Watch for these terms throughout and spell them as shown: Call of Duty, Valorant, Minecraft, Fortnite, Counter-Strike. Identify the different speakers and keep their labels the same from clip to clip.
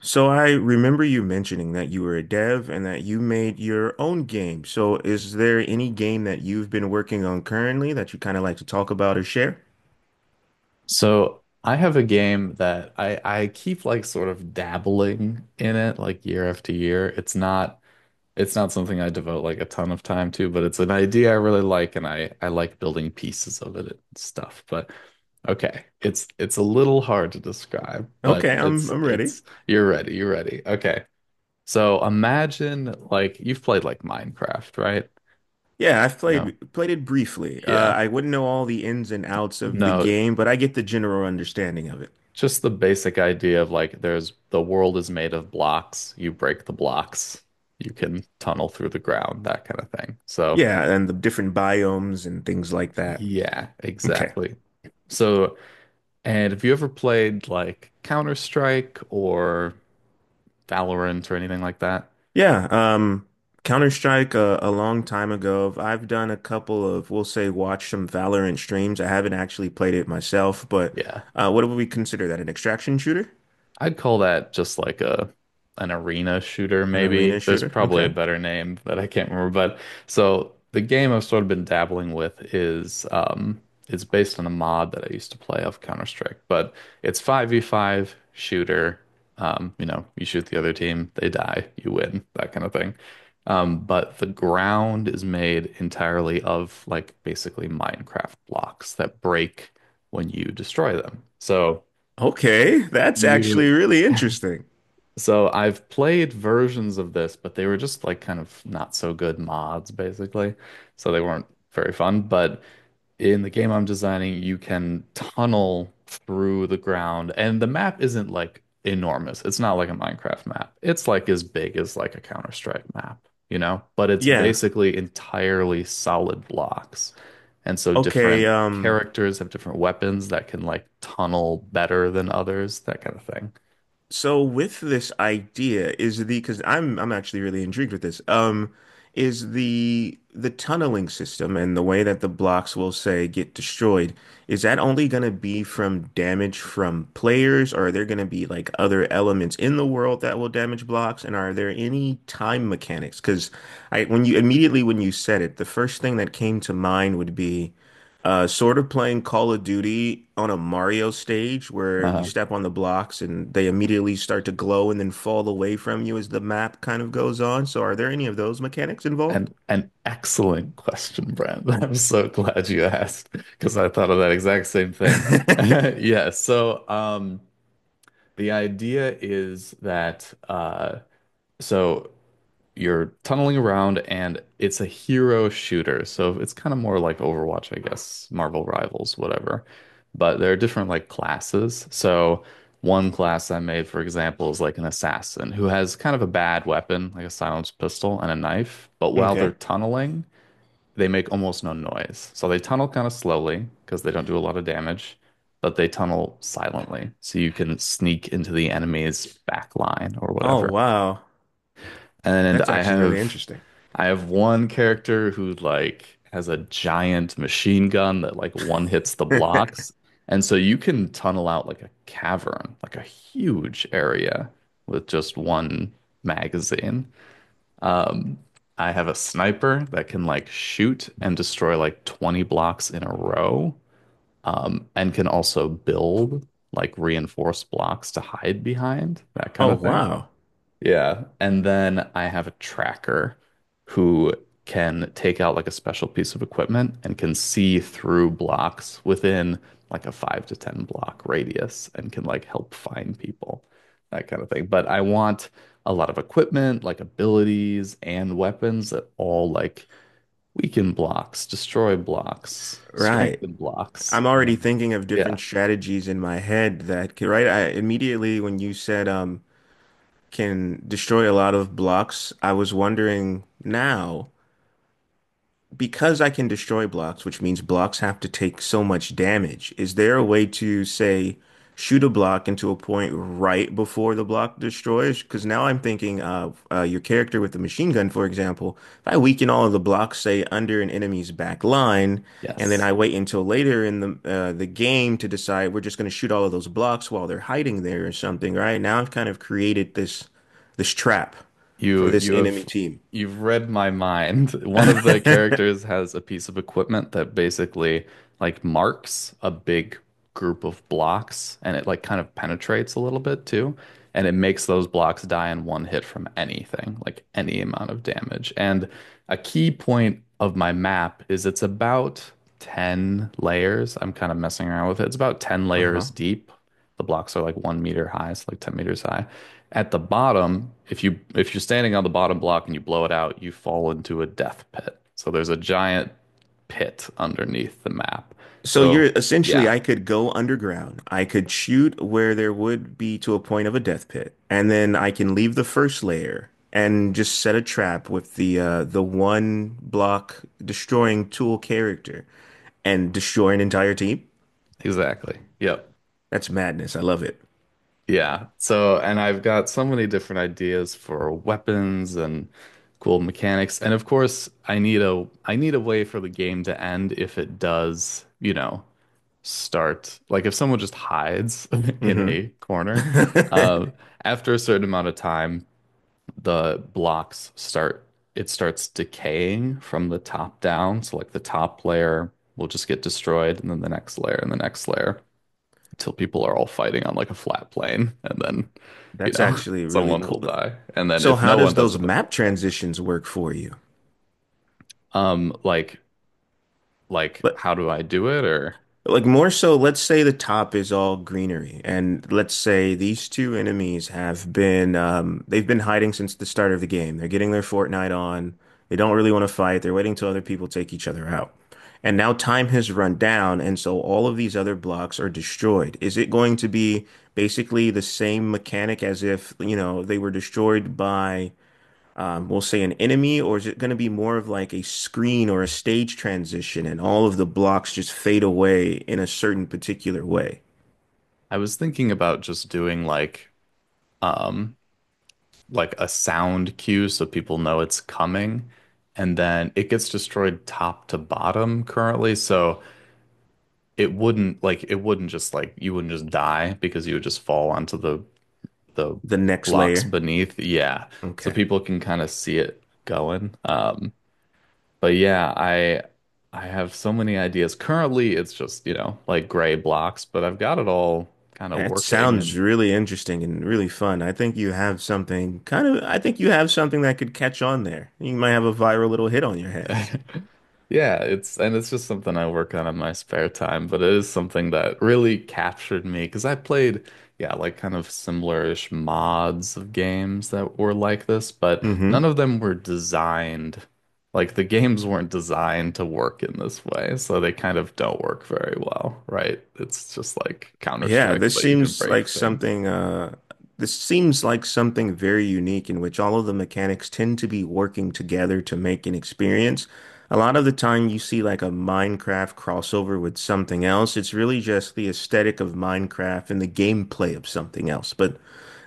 Speaker 1: So I remember you mentioning that you were a dev and that you made your own game. So is there any game that you've been working on currently that you kind of like to talk about or share?
Speaker 2: So I have a game that I keep like sort of dabbling in it like year after year. It's not something I devote like a ton of time to, but it's an idea I really like and I like building pieces of it and stuff. But okay, it's a little hard to describe, but
Speaker 1: Okay, I'm I'm ready.
Speaker 2: it's you're ready, you're ready. Okay. So imagine like you've played like Minecraft, right?
Speaker 1: Yeah, I've
Speaker 2: You know.
Speaker 1: played it briefly.
Speaker 2: Yeah.
Speaker 1: I wouldn't know all the ins and outs of the
Speaker 2: No,
Speaker 1: game, but I get the general understanding of it.
Speaker 2: just the basic idea of like the world is made of blocks. You break the blocks, you can tunnel through the ground, that kind of thing. So,
Speaker 1: Yeah, and the different biomes and things like that.
Speaker 2: yeah,
Speaker 1: Okay.
Speaker 2: exactly. So, and have you ever played like Counter-Strike or Valorant or anything like that?
Speaker 1: Yeah, Counter-Strike a long time ago. I've done a couple of, we'll say, watch some Valorant streams. I haven't actually played it myself, but
Speaker 2: Yeah.
Speaker 1: what would we consider that? An extraction shooter?
Speaker 2: I'd call that just like a an arena shooter,
Speaker 1: An arena
Speaker 2: maybe. There's
Speaker 1: shooter?
Speaker 2: probably a
Speaker 1: Okay.
Speaker 2: better name that I can't remember, but so the game I've sort of been dabbling with is it's based on a mod that I used to play of Counter-Strike, but it's 5v5 shooter. You shoot the other team, they die, you win, that kind of thing. But the ground is made entirely of like basically Minecraft blocks that break when you destroy them. So
Speaker 1: Okay, that's actually
Speaker 2: you
Speaker 1: really interesting.
Speaker 2: So I've played versions of this, but they were just like kind of not so good mods, basically. So they weren't very fun. But in the game I'm designing, you can tunnel through the ground, and the map isn't like enormous. It's not like a Minecraft map. It's like as big as like a Counter-Strike map, you know? But it's
Speaker 1: Yeah.
Speaker 2: basically entirely solid blocks. And so
Speaker 1: Okay,
Speaker 2: different characters have different weapons that can like tunnel better than others, that kind of thing.
Speaker 1: so with this idea is the because I'm actually really intrigued with this. Is the tunneling system and the way that the blocks will say get destroyed, is that only going to be from damage from players, or are there going to be like other elements in the world that will damage blocks? And are there any time mechanics? Because I when you immediately when you said it, the first thing that came to mind would be sort of playing Call of Duty on a Mario stage where you
Speaker 2: Um,
Speaker 1: step on the blocks and they immediately start to glow and then fall away from you as the map kind of goes on. So, are there any of those mechanics involved?
Speaker 2: an excellent question, Brand. I'm so glad you asked because I thought of that exact same thing. Yeah, so the idea is that so you're tunneling around, and it's a hero shooter. So it's kind of more like Overwatch, I guess, Marvel Rivals, whatever. But there are different like classes. So one class I made, for example, is like an assassin who has kind of a bad weapon, like a silenced pistol and a knife, but while they're
Speaker 1: Okay.
Speaker 2: tunneling they make almost no noise. So they tunnel kind of slowly because they don't do a lot of damage, but they tunnel silently. So you can sneak into the enemy's back line or
Speaker 1: Oh,
Speaker 2: whatever.
Speaker 1: wow.
Speaker 2: And
Speaker 1: That's
Speaker 2: I
Speaker 1: actually really
Speaker 2: have
Speaker 1: interesting.
Speaker 2: I have one character who like has a giant machine gun that like one hits the blocks. And so you can tunnel out like a cavern, like a huge area with just one magazine. Um, I have a sniper that can like shoot and destroy like 20 blocks in a row, and can also build like reinforced blocks to hide behind, that kind
Speaker 1: Oh,
Speaker 2: of thing.
Speaker 1: wow.
Speaker 2: Yeah. And then I have a tracker who can take out like a special piece of equipment and can see through blocks within like a 5 to 10 block radius and can like help find people, that kind of thing. But I want a lot of equipment, like abilities and weapons that all like weaken blocks, destroy blocks,
Speaker 1: Right.
Speaker 2: strengthen blocks.
Speaker 1: I'm already
Speaker 2: And
Speaker 1: thinking of
Speaker 2: yeah,
Speaker 1: different strategies in my head that can, right? I immediately when you said can destroy a lot of blocks, I was wondering now. Because I can destroy blocks, which means blocks have to take so much damage, is there a way to say shoot a block into a point right before the block destroys? Because now I'm thinking of your character with the machine gun, for example. If I weaken all of the blocks, say under an enemy's back line, and then
Speaker 2: yes.
Speaker 1: I wait until later in the the game to decide we're just going to shoot all of those blocks while they're hiding there or something, right? Now I've kind of created this trap for
Speaker 2: You
Speaker 1: this
Speaker 2: you have
Speaker 1: enemy team.
Speaker 2: you've read my mind. One of the characters has a piece of equipment that basically like marks a big group of blocks and it like kind of penetrates a little bit too. And it makes those blocks die in one hit from anything, like any amount of damage. And a key point of my map is it's about 10 layers. I'm kind of messing around with it. It's about 10
Speaker 1: Uh-huh.
Speaker 2: layers deep. The blocks are like 1 meter high, so like 10 meters high. At the bottom, if you're standing on the bottom block and you blow it out, you fall into a death pit. So there's a giant pit underneath the map.
Speaker 1: So you're
Speaker 2: So
Speaker 1: essentially,
Speaker 2: yeah,
Speaker 1: I could go underground. I could shoot where there would be to a point of a death pit, and then I can leave the first layer and just set a trap with the the one block destroying tool character and destroy an entire team.
Speaker 2: exactly. Yep.
Speaker 1: That's madness. I love it.
Speaker 2: Yeah. So and I've got so many different ideas for weapons and cool mechanics. And of course, I need a way for the game to end if it does, start like if someone just hides in
Speaker 1: Hmm.
Speaker 2: a corner. uh, After a certain amount of time the blocks start it starts decaying from the top down, so like the top layer will just get destroyed and then the next layer and the next layer until people are all fighting on like a flat plane, and then
Speaker 1: That's actually really
Speaker 2: someone will
Speaker 1: cool.
Speaker 2: die, and then
Speaker 1: So
Speaker 2: if
Speaker 1: how
Speaker 2: no one
Speaker 1: does
Speaker 2: does
Speaker 1: those
Speaker 2: it they'll
Speaker 1: map
Speaker 2: fall.
Speaker 1: transitions work for you?
Speaker 2: um like like
Speaker 1: But
Speaker 2: how do I do it? Or
Speaker 1: like more so, let's say the top is all greenery, and let's say these two enemies have been they've been hiding since the start of the game. They're getting their Fortnite on. They don't really want to fight. They're waiting till other people take each other out. And now time has run down, and so all of these other blocks are destroyed. Is it going to be basically the same mechanic as if, you know, they were destroyed by we'll say an enemy, or is it going to be more of like a screen or a stage transition and all of the blocks just fade away in a certain particular way?
Speaker 2: I was thinking about just doing um like a sound cue so people know it's coming. And then it gets destroyed top to bottom currently. So it wouldn't like it wouldn't just like you wouldn't just die because you would just fall onto the
Speaker 1: The next
Speaker 2: blocks
Speaker 1: layer.
Speaker 2: beneath. Yeah. So
Speaker 1: Okay.
Speaker 2: people can kind of see it going. But yeah, I have so many ideas. Currently it's just, like gray blocks, but I've got it all kind of
Speaker 1: That
Speaker 2: working
Speaker 1: sounds
Speaker 2: and
Speaker 1: really interesting and really fun. I think you have something kind of, I think you have something that could catch on there. You might have a viral little hit on your hands.
Speaker 2: Yeah, it's and it's just something I work on in my spare time, but it is something that really captured me because I played, yeah, like kind of similar-ish mods of games that were like this, but none
Speaker 1: Hmm.
Speaker 2: of them were designed, like the games weren't designed to work in this way, so they kind of don't work very well, right? It's just like
Speaker 1: Yeah,
Speaker 2: Counter-Strike,
Speaker 1: this
Speaker 2: but you can
Speaker 1: seems
Speaker 2: break
Speaker 1: like
Speaker 2: things.
Speaker 1: something this seems like something very unique in which all of the mechanics tend to be working together to make an experience. A lot of the time you see like a Minecraft crossover with something else. It's really just the aesthetic of Minecraft and the gameplay of something else. But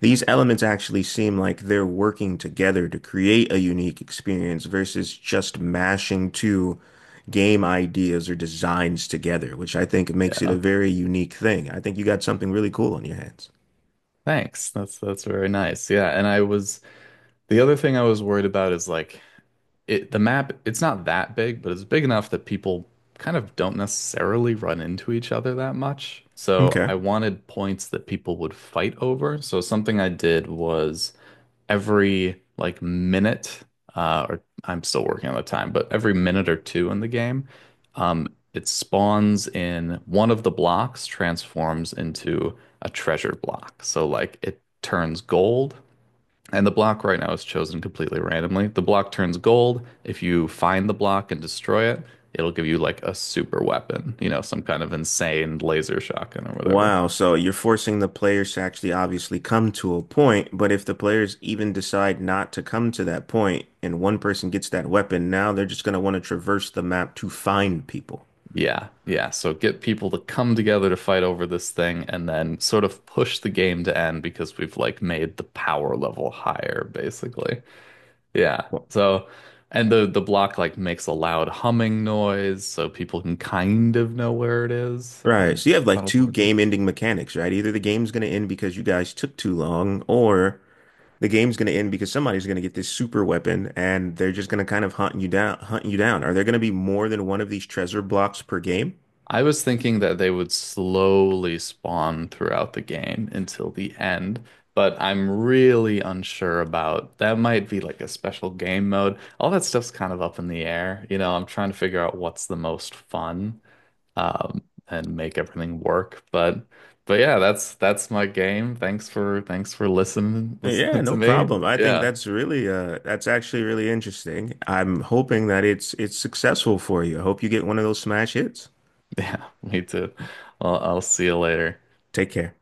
Speaker 1: these elements actually seem like they're working together to create a unique experience versus just mashing two game ideas or designs together, which I think makes it a
Speaker 2: Yeah.
Speaker 1: very unique thing. I think you got something really cool on your hands.
Speaker 2: Thanks. That's very nice. Yeah, and I was the other thing I was worried about is like it the map, it's not that big, but it's big enough that people kind of don't necessarily run into each other that much. So I
Speaker 1: Okay.
Speaker 2: wanted points that people would fight over. So something I did was every like minute, or I'm still working on the time, but every minute or two in the game, um, it spawns in one of the blocks transforms into a treasure block. So like it turns gold and the block right now is chosen completely randomly. The block turns gold. If you find the block and destroy it, it'll give you like a super weapon, some kind of insane laser shotgun or whatever.
Speaker 1: Wow, so you're forcing the players to actually obviously come to a point, but if the players even decide not to come to that point and one person gets that weapon, now they're just going to want to traverse the map to find people.
Speaker 2: Yeah, yeah. So get people to come together to fight over this thing and then sort of push the game to end because we've like made the power level higher, basically. Yeah. So and the block like makes a loud humming noise so people can kind of know where it is
Speaker 1: Right.
Speaker 2: and
Speaker 1: So you have like
Speaker 2: tunnel
Speaker 1: two
Speaker 2: towards it.
Speaker 1: game-ending mechanics, right? Either the game's going to end because you guys took too long, or the game's going to end because somebody's going to get this super weapon and they're just going to kind of hunt you down, hunt you down. Are there going to be more than one of these treasure blocks per game?
Speaker 2: I was thinking that they would slowly spawn throughout the game until the end, but I'm really unsure about that. Might be like a special game mode. All that stuff's kind of up in the air. You know, I'm trying to figure out what's the most fun, and make everything work. But yeah, that's my game. Thanks for listening
Speaker 1: Yeah,
Speaker 2: listening to
Speaker 1: no
Speaker 2: me.
Speaker 1: problem. I think
Speaker 2: Yeah.
Speaker 1: that's really that's actually really interesting. I'm hoping that it's successful for you. I hope you get one of those smash hits.
Speaker 2: Yeah, me too. Well, I'll see you later.
Speaker 1: Take care.